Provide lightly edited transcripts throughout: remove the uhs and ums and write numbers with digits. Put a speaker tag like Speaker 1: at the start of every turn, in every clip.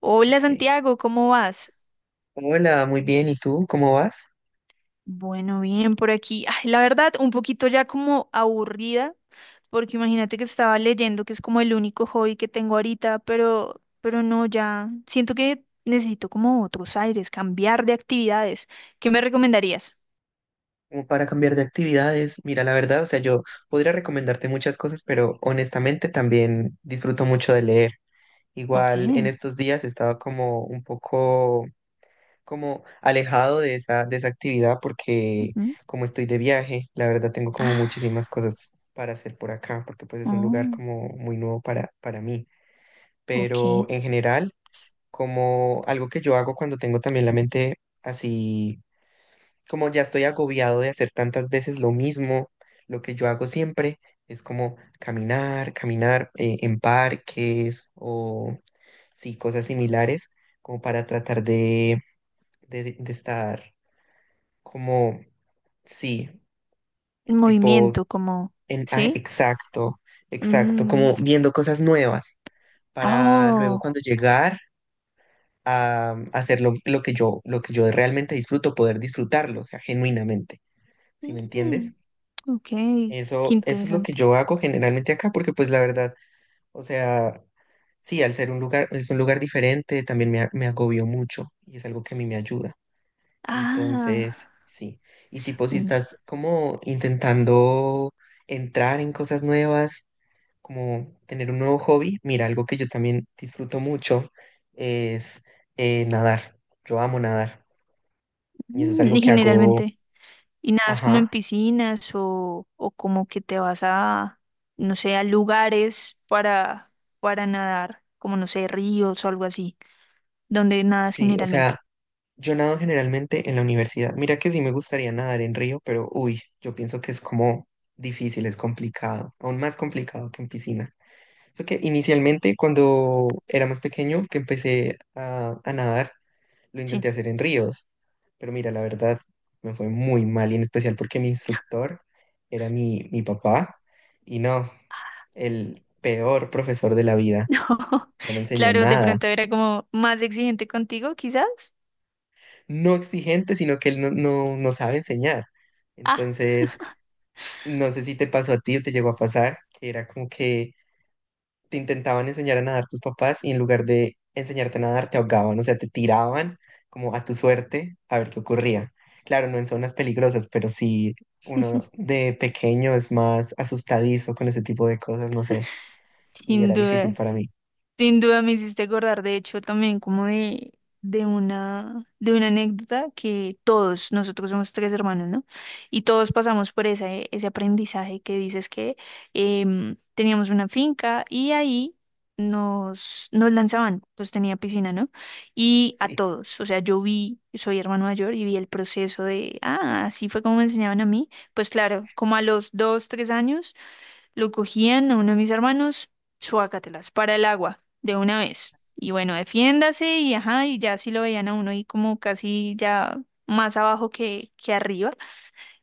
Speaker 1: Hola
Speaker 2: Ok.
Speaker 1: Santiago, ¿cómo vas?
Speaker 2: Hola, muy bien. ¿Y tú? ¿Cómo vas?
Speaker 1: Bueno, bien por aquí. Ay, la verdad, un poquito ya como aburrida, porque imagínate que estaba leyendo, que es como el único hobby que tengo ahorita, pero no, ya siento que necesito como otros aires, cambiar de actividades. ¿Qué me recomendarías?
Speaker 2: Como para cambiar de actividades. Mira, la verdad, o sea, yo podría recomendarte muchas cosas, pero honestamente también disfruto mucho de leer.
Speaker 1: Ok.
Speaker 2: Igual en estos días he estado como un poco como alejado de esa actividad porque
Speaker 1: Ujú.
Speaker 2: como estoy de viaje, la verdad tengo como
Speaker 1: Ah,
Speaker 2: muchísimas cosas para hacer por acá, porque pues es un lugar
Speaker 1: oh,
Speaker 2: como muy nuevo para mí. Pero
Speaker 1: ok.
Speaker 2: en general, como algo que yo hago cuando tengo también la mente así como ya estoy agobiado de hacer tantas veces lo mismo, lo que yo hago siempre es como caminar, caminar en parques o sí, cosas similares, como para tratar de estar como, sí, tipo,
Speaker 1: Movimiento, como.
Speaker 2: en,
Speaker 1: ¿Sí?
Speaker 2: exacto, exacto,
Speaker 1: Mm,
Speaker 2: como viendo cosas nuevas para luego
Speaker 1: oh,
Speaker 2: cuando llegar a hacer lo que yo realmente disfruto, poder disfrutarlo, o sea, genuinamente, ¿sí me
Speaker 1: mm,
Speaker 2: entiendes?
Speaker 1: ok. Qué
Speaker 2: Eso es lo que
Speaker 1: interesante.
Speaker 2: yo hago generalmente acá, porque pues la verdad, o sea, sí, al ser un lugar, es un lugar diferente, también me, me agobió mucho y es algo que a mí me ayuda.
Speaker 1: Ah.
Speaker 2: Entonces, sí. Y tipo, si estás como intentando entrar en cosas nuevas, como tener un nuevo hobby, mira, algo que yo también disfruto mucho es nadar. Yo amo nadar y eso es algo
Speaker 1: Y
Speaker 2: que hago,
Speaker 1: generalmente, y nada es como
Speaker 2: ajá,
Speaker 1: en piscinas o como que te vas a, no sé, a lugares para nadar, como no sé, ríos o algo así, donde nadas
Speaker 2: sí, o sea.
Speaker 1: generalmente.
Speaker 2: Yo nado generalmente en la universidad. Mira que sí me gustaría nadar en río, pero uy, yo pienso que es como difícil, es complicado, aún más complicado que en piscina. Eso que inicialmente cuando era más pequeño que empecé a nadar, lo
Speaker 1: Sí.
Speaker 2: intenté hacer en ríos, pero mira, la verdad me fue muy mal y en especial porque mi instructor era mi papá y no, el peor profesor de la vida.
Speaker 1: No,
Speaker 2: No me enseñó
Speaker 1: claro, de
Speaker 2: nada.
Speaker 1: pronto era como más exigente contigo, quizás.
Speaker 2: No exigente, sino que él no, no sabe enseñar.
Speaker 1: Ah,
Speaker 2: Entonces, no sé si te pasó a ti o te llegó a pasar, que era como que te intentaban enseñar a nadar tus papás y en lugar de enseñarte a nadar te ahogaban, o sea, te tiraban como a tu suerte a ver qué ocurría. Claro, no en zonas peligrosas, pero sí uno de pequeño es más asustadizo con ese tipo de cosas, no sé, y
Speaker 1: sin
Speaker 2: era difícil
Speaker 1: duda.
Speaker 2: para mí.
Speaker 1: Sin duda me hiciste acordar, de hecho, también como de una anécdota que todos, nosotros somos tres hermanos, ¿no? Y todos pasamos por ese aprendizaje que dices que teníamos una finca y ahí nos lanzaban, pues tenía piscina, ¿no? Y a
Speaker 2: Sí,
Speaker 1: todos, o sea, yo vi, soy hermano mayor y vi el proceso de, así fue como me enseñaban a mí, pues claro, como a los dos, tres años. Lo cogían a uno de mis hermanos, suácatelas, para el agua, de una vez. Y bueno, defiéndase y ajá, y ya si lo veían a uno ahí como casi ya más abajo que arriba,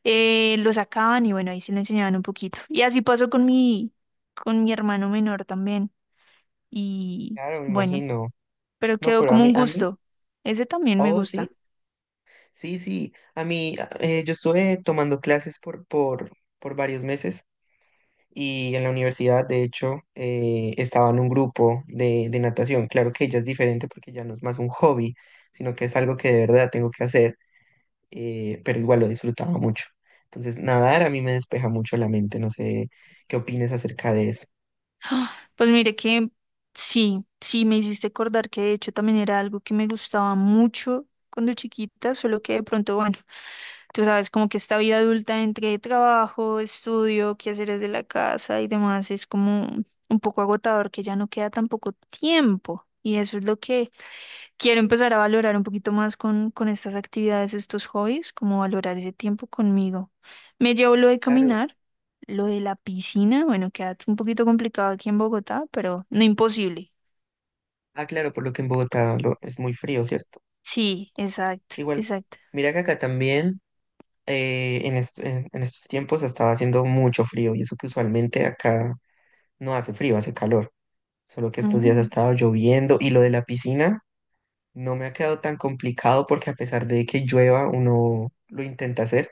Speaker 1: lo sacaban y bueno, ahí sí le enseñaban un poquito. Y así pasó con mi hermano menor también. Y
Speaker 2: claro, me
Speaker 1: bueno,
Speaker 2: imagino.
Speaker 1: pero
Speaker 2: No,
Speaker 1: quedó
Speaker 2: pero a
Speaker 1: como
Speaker 2: mí,
Speaker 1: un
Speaker 2: a mí,
Speaker 1: gusto. Ese también me
Speaker 2: oh,
Speaker 1: gusta.
Speaker 2: sí, sí, sí, a mí, yo estuve tomando clases por varios meses y en la universidad, de hecho, estaba en un grupo de natación. Claro que ella es diferente porque ya no es más un hobby, sino que es algo que de verdad tengo que hacer, pero igual lo disfrutaba mucho. Entonces, nadar a mí me despeja mucho la mente. No sé qué opines acerca de eso.
Speaker 1: Pues mire que sí, sí me hiciste acordar que de hecho también era algo que me gustaba mucho cuando chiquita, solo que de pronto, bueno. Tú sabes, como que esta vida adulta entre trabajo, estudio, quehaceres de la casa y demás es como un poco agotador, que ya no queda tan poco tiempo. Y eso es lo que quiero empezar a valorar un poquito más con estas actividades, estos hobbies, como valorar ese tiempo conmigo. Me llevo lo de
Speaker 2: Claro.
Speaker 1: caminar, lo de la piscina, bueno, queda un poquito complicado aquí en Bogotá, pero no imposible.
Speaker 2: Ah, claro, por lo que en Bogotá es muy frío, ¿cierto?
Speaker 1: Sí, exacto,
Speaker 2: Igual,
Speaker 1: exacto.
Speaker 2: mira que acá también en estos tiempos estaba haciendo mucho frío y eso que usualmente acá no hace frío, hace calor. Solo que estos días ha
Speaker 1: Mm,
Speaker 2: estado lloviendo y lo de la piscina no me ha quedado tan complicado porque a pesar de que llueva, uno lo intenta hacer,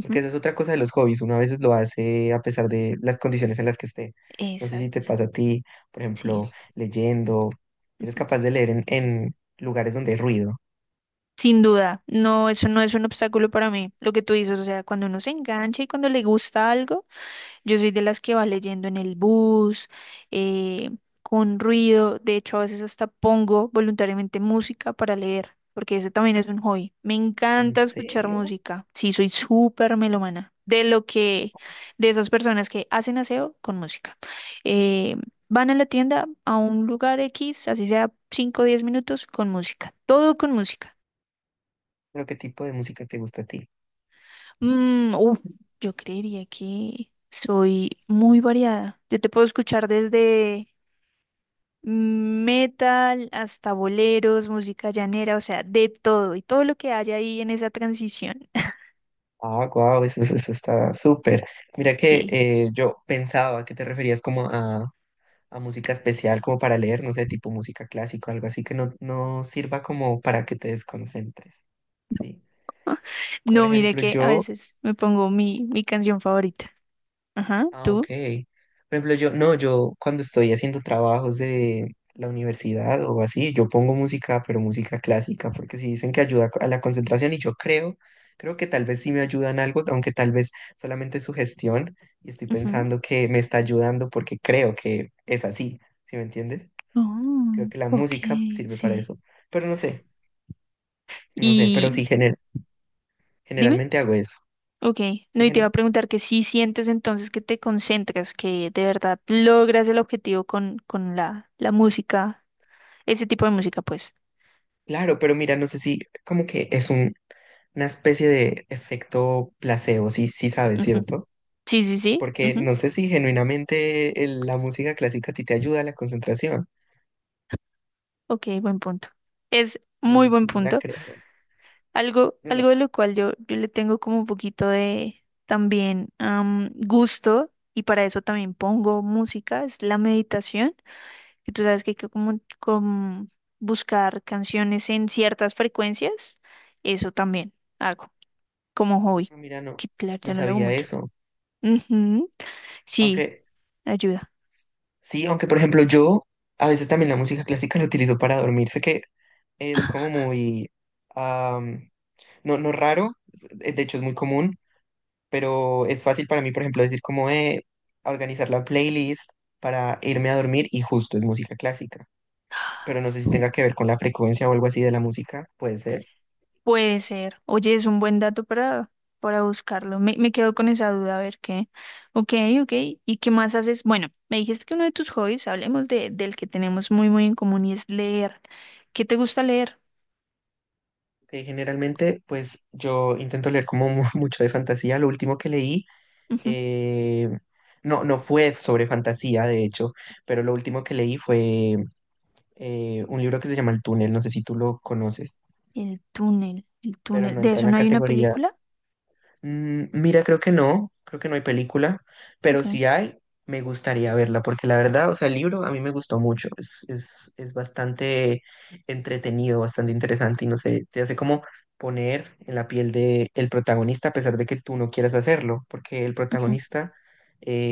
Speaker 2: porque esa es otra cosa de los hobbies, uno a veces lo hace a pesar de las condiciones en las que esté. No sé si te
Speaker 1: exacto,
Speaker 2: pasa a ti, por
Speaker 1: sí.
Speaker 2: ejemplo, leyendo, eres capaz de leer en lugares donde hay ruido.
Speaker 1: Sin duda, no, eso no es un obstáculo para mí, lo que tú dices, o sea, cuando uno se engancha y cuando le gusta algo, yo soy de las que va leyendo en el bus, eh, con ruido, de hecho a veces hasta pongo voluntariamente música para leer, porque ese también es un hobby. Me
Speaker 2: ¿En
Speaker 1: encanta escuchar
Speaker 2: serio?
Speaker 1: música, sí, soy súper melomana, de esas personas que hacen aseo con música. Eh, Van a la tienda, a un lugar X, así sea 5, o 10 minutos, con música. Todo con música.
Speaker 2: ¿Pero qué tipo de música te gusta a ti?
Speaker 1: Uf, yo creería que soy muy variada. Yo te puedo escuchar desde metal hasta boleros, música llanera, o sea, de todo y todo lo que haya ahí en esa transición.
Speaker 2: Ah, guau, eso está súper. Mira que
Speaker 1: Sí.
Speaker 2: yo pensaba que te referías como a música especial como para leer, no sé, tipo música clásica, algo así que no, no sirva como para que te desconcentres. Sí. Por
Speaker 1: No, mire
Speaker 2: ejemplo,
Speaker 1: que a
Speaker 2: yo,
Speaker 1: veces me pongo mi canción favorita. Ajá,
Speaker 2: ah, ok.
Speaker 1: ¿tú?
Speaker 2: Por ejemplo, yo, no, yo cuando estoy haciendo trabajos de la universidad o así, yo pongo música, pero música clásica, porque si dicen que ayuda a la concentración y yo creo, creo que tal vez sí me ayudan algo, aunque tal vez solamente es sugestión y estoy
Speaker 1: Ujú.
Speaker 2: pensando que me está ayudando porque creo que es así, ¿sí me entiendes? Creo
Speaker 1: Oh,
Speaker 2: que la
Speaker 1: ok,
Speaker 2: música sirve para
Speaker 1: sí.
Speaker 2: eso. Pero no sé, no sé, pero
Speaker 1: Y
Speaker 2: sí
Speaker 1: dime.
Speaker 2: generalmente hago eso.
Speaker 1: Ok, no,
Speaker 2: Sí,
Speaker 1: y te iba a preguntar que si sientes entonces que te concentras, que de verdad logras el objetivo con la música, ese tipo de música, pues.
Speaker 2: claro, pero mira, no sé si como que es una especie de efecto placebo, sí, sí sabes,
Speaker 1: Ujú.
Speaker 2: ¿cierto?
Speaker 1: Sí, sí, sí.
Speaker 2: Porque
Speaker 1: Ujú.
Speaker 2: no sé si genuinamente la música clásica a ti te ayuda a la concentración.
Speaker 1: Ok, buen punto. Es
Speaker 2: No sé
Speaker 1: muy
Speaker 2: si
Speaker 1: buen
Speaker 2: la
Speaker 1: punto.
Speaker 2: crearon.
Speaker 1: Algo,
Speaker 2: No,
Speaker 1: algo
Speaker 2: no,
Speaker 1: de lo cual yo le tengo como un poquito de también gusto, y para eso también pongo música, es la meditación, que tú sabes que hay que como buscar canciones en ciertas frecuencias, eso también hago. Como hobby,
Speaker 2: ah, mira, no,
Speaker 1: que claro,
Speaker 2: no
Speaker 1: ya no lo hago
Speaker 2: sabía
Speaker 1: mucho.
Speaker 2: eso.
Speaker 1: Ujú, sí,
Speaker 2: Aunque
Speaker 1: ayuda.
Speaker 2: sí, aunque por ejemplo yo a veces también la música clásica la utilizo para dormir. Sé que es como muy... no, no raro, de hecho es muy común, pero es fácil para mí, por ejemplo, decir como organizar la playlist para irme a dormir y justo es música clásica, pero no sé si tenga que ver con la frecuencia o algo así de la música, puede ser.
Speaker 1: Puede ser. Oye, es un buen dato para, buscarlo. Me quedo con esa duda, a ver qué. Ok, ok. ¿Y qué más haces? Bueno, me dijiste que uno de tus hobbies, hablemos del que tenemos muy, muy en común y es leer. ¿Qué te gusta leer?
Speaker 2: Que generalmente, pues yo intento leer como mucho de fantasía. Lo último que leí,
Speaker 1: Ujú.
Speaker 2: eh, no, no fue sobre fantasía, de hecho, pero lo último que leí fue un libro que se llama El Túnel, no sé si tú lo conoces,
Speaker 1: El túnel, el
Speaker 2: pero
Speaker 1: túnel.
Speaker 2: no
Speaker 1: ¿De
Speaker 2: entra en
Speaker 1: eso
Speaker 2: la
Speaker 1: no hay una
Speaker 2: categoría.
Speaker 1: película?
Speaker 2: Mm, mira, creo que no hay película, pero
Speaker 1: Ok.
Speaker 2: si hay, me gustaría verla, porque la verdad, o sea, el libro a mí me gustó mucho, es, es bastante entretenido, bastante interesante y no sé, te hace como poner en la piel de el protagonista a pesar de que tú no quieras hacerlo, porque el
Speaker 1: Ujú,
Speaker 2: protagonista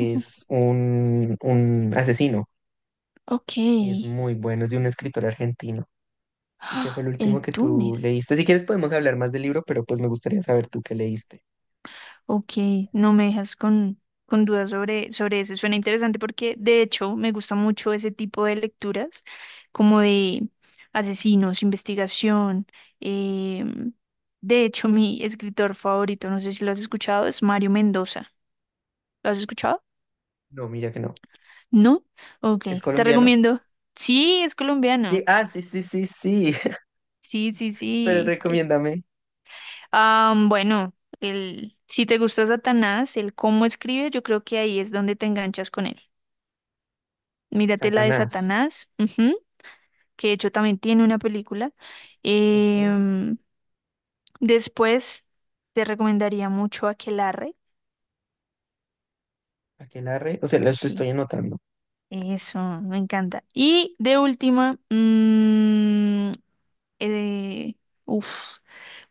Speaker 1: ujú.
Speaker 2: un asesino
Speaker 1: Ok.
Speaker 2: y es muy bueno, es de un escritor argentino. ¿Y qué fue el
Speaker 1: Ah, El
Speaker 2: último que tú
Speaker 1: túnel.
Speaker 2: leíste? Si quieres podemos hablar más del libro, pero pues me gustaría saber tú qué leíste.
Speaker 1: Ok, no me dejas con dudas sobre eso. Suena interesante porque de hecho me gusta mucho ese tipo de lecturas, como de asesinos, investigación. em, de hecho, mi escritor favorito, no sé si lo has escuchado, es Mario Mendoza. ¿Lo has escuchado?
Speaker 2: No, mira que no.
Speaker 1: ¿No? Ok,
Speaker 2: ¿Es
Speaker 1: te
Speaker 2: colombiano?
Speaker 1: recomiendo. Sí, es
Speaker 2: Sí,
Speaker 1: colombiano.
Speaker 2: ah, sí, sí, sí, sí.
Speaker 1: Sí, sí,
Speaker 2: Pero
Speaker 1: sí.
Speaker 2: recomiéndame.
Speaker 1: Bueno, si te gusta Satanás, el cómo escribe, yo creo que ahí es donde te enganchas con él. Mírate la de
Speaker 2: Satanás.
Speaker 1: Satanás, ujú, que de hecho también tiene una película.
Speaker 2: Ok.
Speaker 1: Em, Después te recomendaría mucho Aquelarre.
Speaker 2: Aquelarre. O sea, lo
Speaker 1: Sí,
Speaker 2: estoy anotando.
Speaker 1: eso, me encanta. Y de última, mm, eh, uf,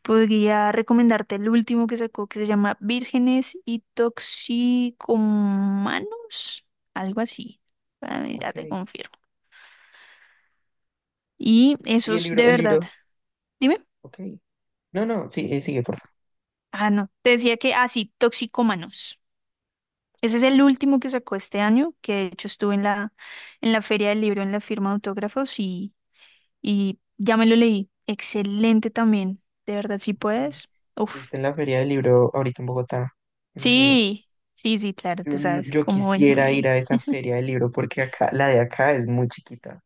Speaker 1: podría recomendarte el último que sacó que se llama Vírgenes y Toxicomanos, algo así. Para mí, ya te
Speaker 2: Ok.
Speaker 1: confirmo. Y
Speaker 2: Sí, el
Speaker 1: esos de
Speaker 2: libro, el
Speaker 1: verdad.
Speaker 2: libro.
Speaker 1: Dime.
Speaker 2: Ok. No, no, sí, sigue, por favor.
Speaker 1: Ah, no. Te decía que así, Toxicómanos. Ese
Speaker 2: Sí,
Speaker 1: es el
Speaker 2: cómo no.
Speaker 1: último que sacó este año, que de hecho estuve en la, Feria del Libro, en la firma de autógrafos y ya me lo leí. Excelente también. De verdad, si
Speaker 2: Sí.
Speaker 1: puedes. Uf.
Speaker 2: Estuviste en la Feria del Libro ahorita en Bogotá, me imagino.
Speaker 1: Sí, sí, sí, claro,
Speaker 2: Yo,
Speaker 1: tú sabes
Speaker 2: yo
Speaker 1: cómo bueno.
Speaker 2: quisiera ir
Speaker 1: eh.
Speaker 2: a esa Feria del Libro porque acá, la de acá es muy chiquita.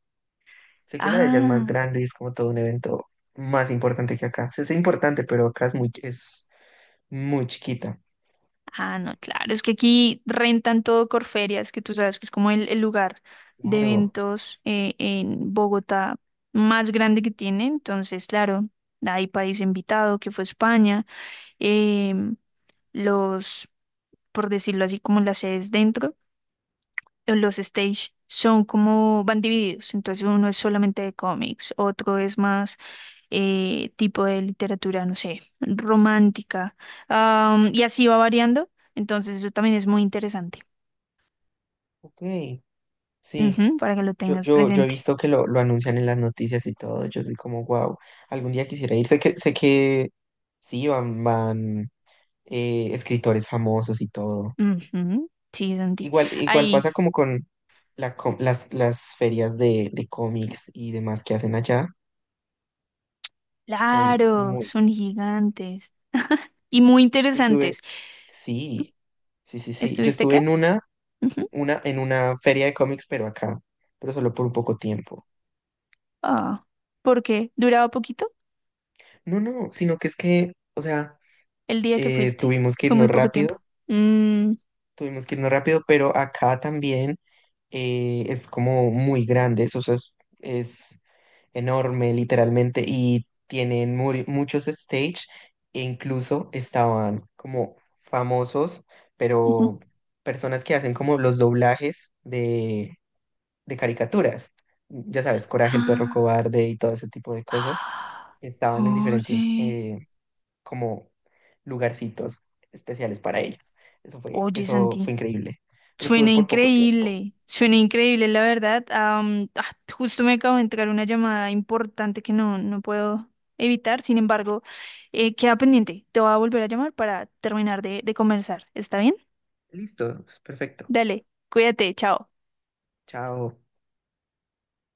Speaker 2: Sé que la de allá es más
Speaker 1: Ah.
Speaker 2: grande y es como todo un evento más importante que acá. O sea, es importante, pero acá es muy chiquita.
Speaker 1: Ah, no, claro, es que aquí rentan todo Corferias, que tú sabes que es como el lugar de
Speaker 2: Claro,
Speaker 1: eventos en Bogotá más grande que tiene. Entonces, claro, hay país invitado, que fue España, em, los, por decirlo así, como las sedes dentro, los stage son como, van divididos. Entonces, uno es solamente de cómics, otro es más tipo de literatura, no sé, romántica, y así va variando. Entonces, eso también es muy interesante.
Speaker 2: ok, sí.
Speaker 1: Ujú, para que lo
Speaker 2: Yo,
Speaker 1: tengas
Speaker 2: yo, yo he
Speaker 1: presente.
Speaker 2: visto que lo anuncian en las noticias y todo. Yo soy como, wow, algún día quisiera ir. Sé que sí, van, van escritores famosos y todo.
Speaker 1: Ujú, sí, Santi.
Speaker 2: Igual, igual
Speaker 1: Ahí,
Speaker 2: pasa como con la las ferias de cómics y demás que hacen allá. Son
Speaker 1: claro,
Speaker 2: muy...
Speaker 1: son gigantes y muy
Speaker 2: yo estuve,
Speaker 1: interesantes.
Speaker 2: sí, sí, sí, sí. Yo
Speaker 1: ¿Estuviste
Speaker 2: estuve
Speaker 1: qué?
Speaker 2: en
Speaker 1: Ujú.
Speaker 2: una, en una feria de cómics, pero acá, pero solo por un poco tiempo.
Speaker 1: Ah, porque duraba poquito
Speaker 2: No, no, sino que es que, o sea,
Speaker 1: el día que fuiste.
Speaker 2: tuvimos que
Speaker 1: Fue muy
Speaker 2: irnos
Speaker 1: poco tiempo.
Speaker 2: rápido.
Speaker 1: Mm,
Speaker 2: Tuvimos que irnos rápido, pero acá también es como muy grande, eso, o sea, es enorme literalmente y tienen muchos stage e incluso estaban como famosos,
Speaker 1: ujú.
Speaker 2: pero personas que hacen como los doblajes de caricaturas, ya sabes, Coraje, el perro
Speaker 1: Ah,
Speaker 2: cobarde y todo ese tipo de cosas,
Speaker 1: ah,
Speaker 2: estaban en diferentes
Speaker 1: oye.
Speaker 2: como lugarcitos especiales para ellos.
Speaker 1: Oye,
Speaker 2: Eso fue
Speaker 1: Santi.
Speaker 2: increíble. Pero estuve por poco tiempo.
Speaker 1: Suena increíble, la verdad. Justo me acabo de entrar una llamada importante que no, no puedo evitar, sin embargo, queda pendiente. Te voy a volver a llamar para terminar de conversar. ¿Está bien?
Speaker 2: Listo, perfecto.
Speaker 1: Dale, cuídate, chao.
Speaker 2: Chao.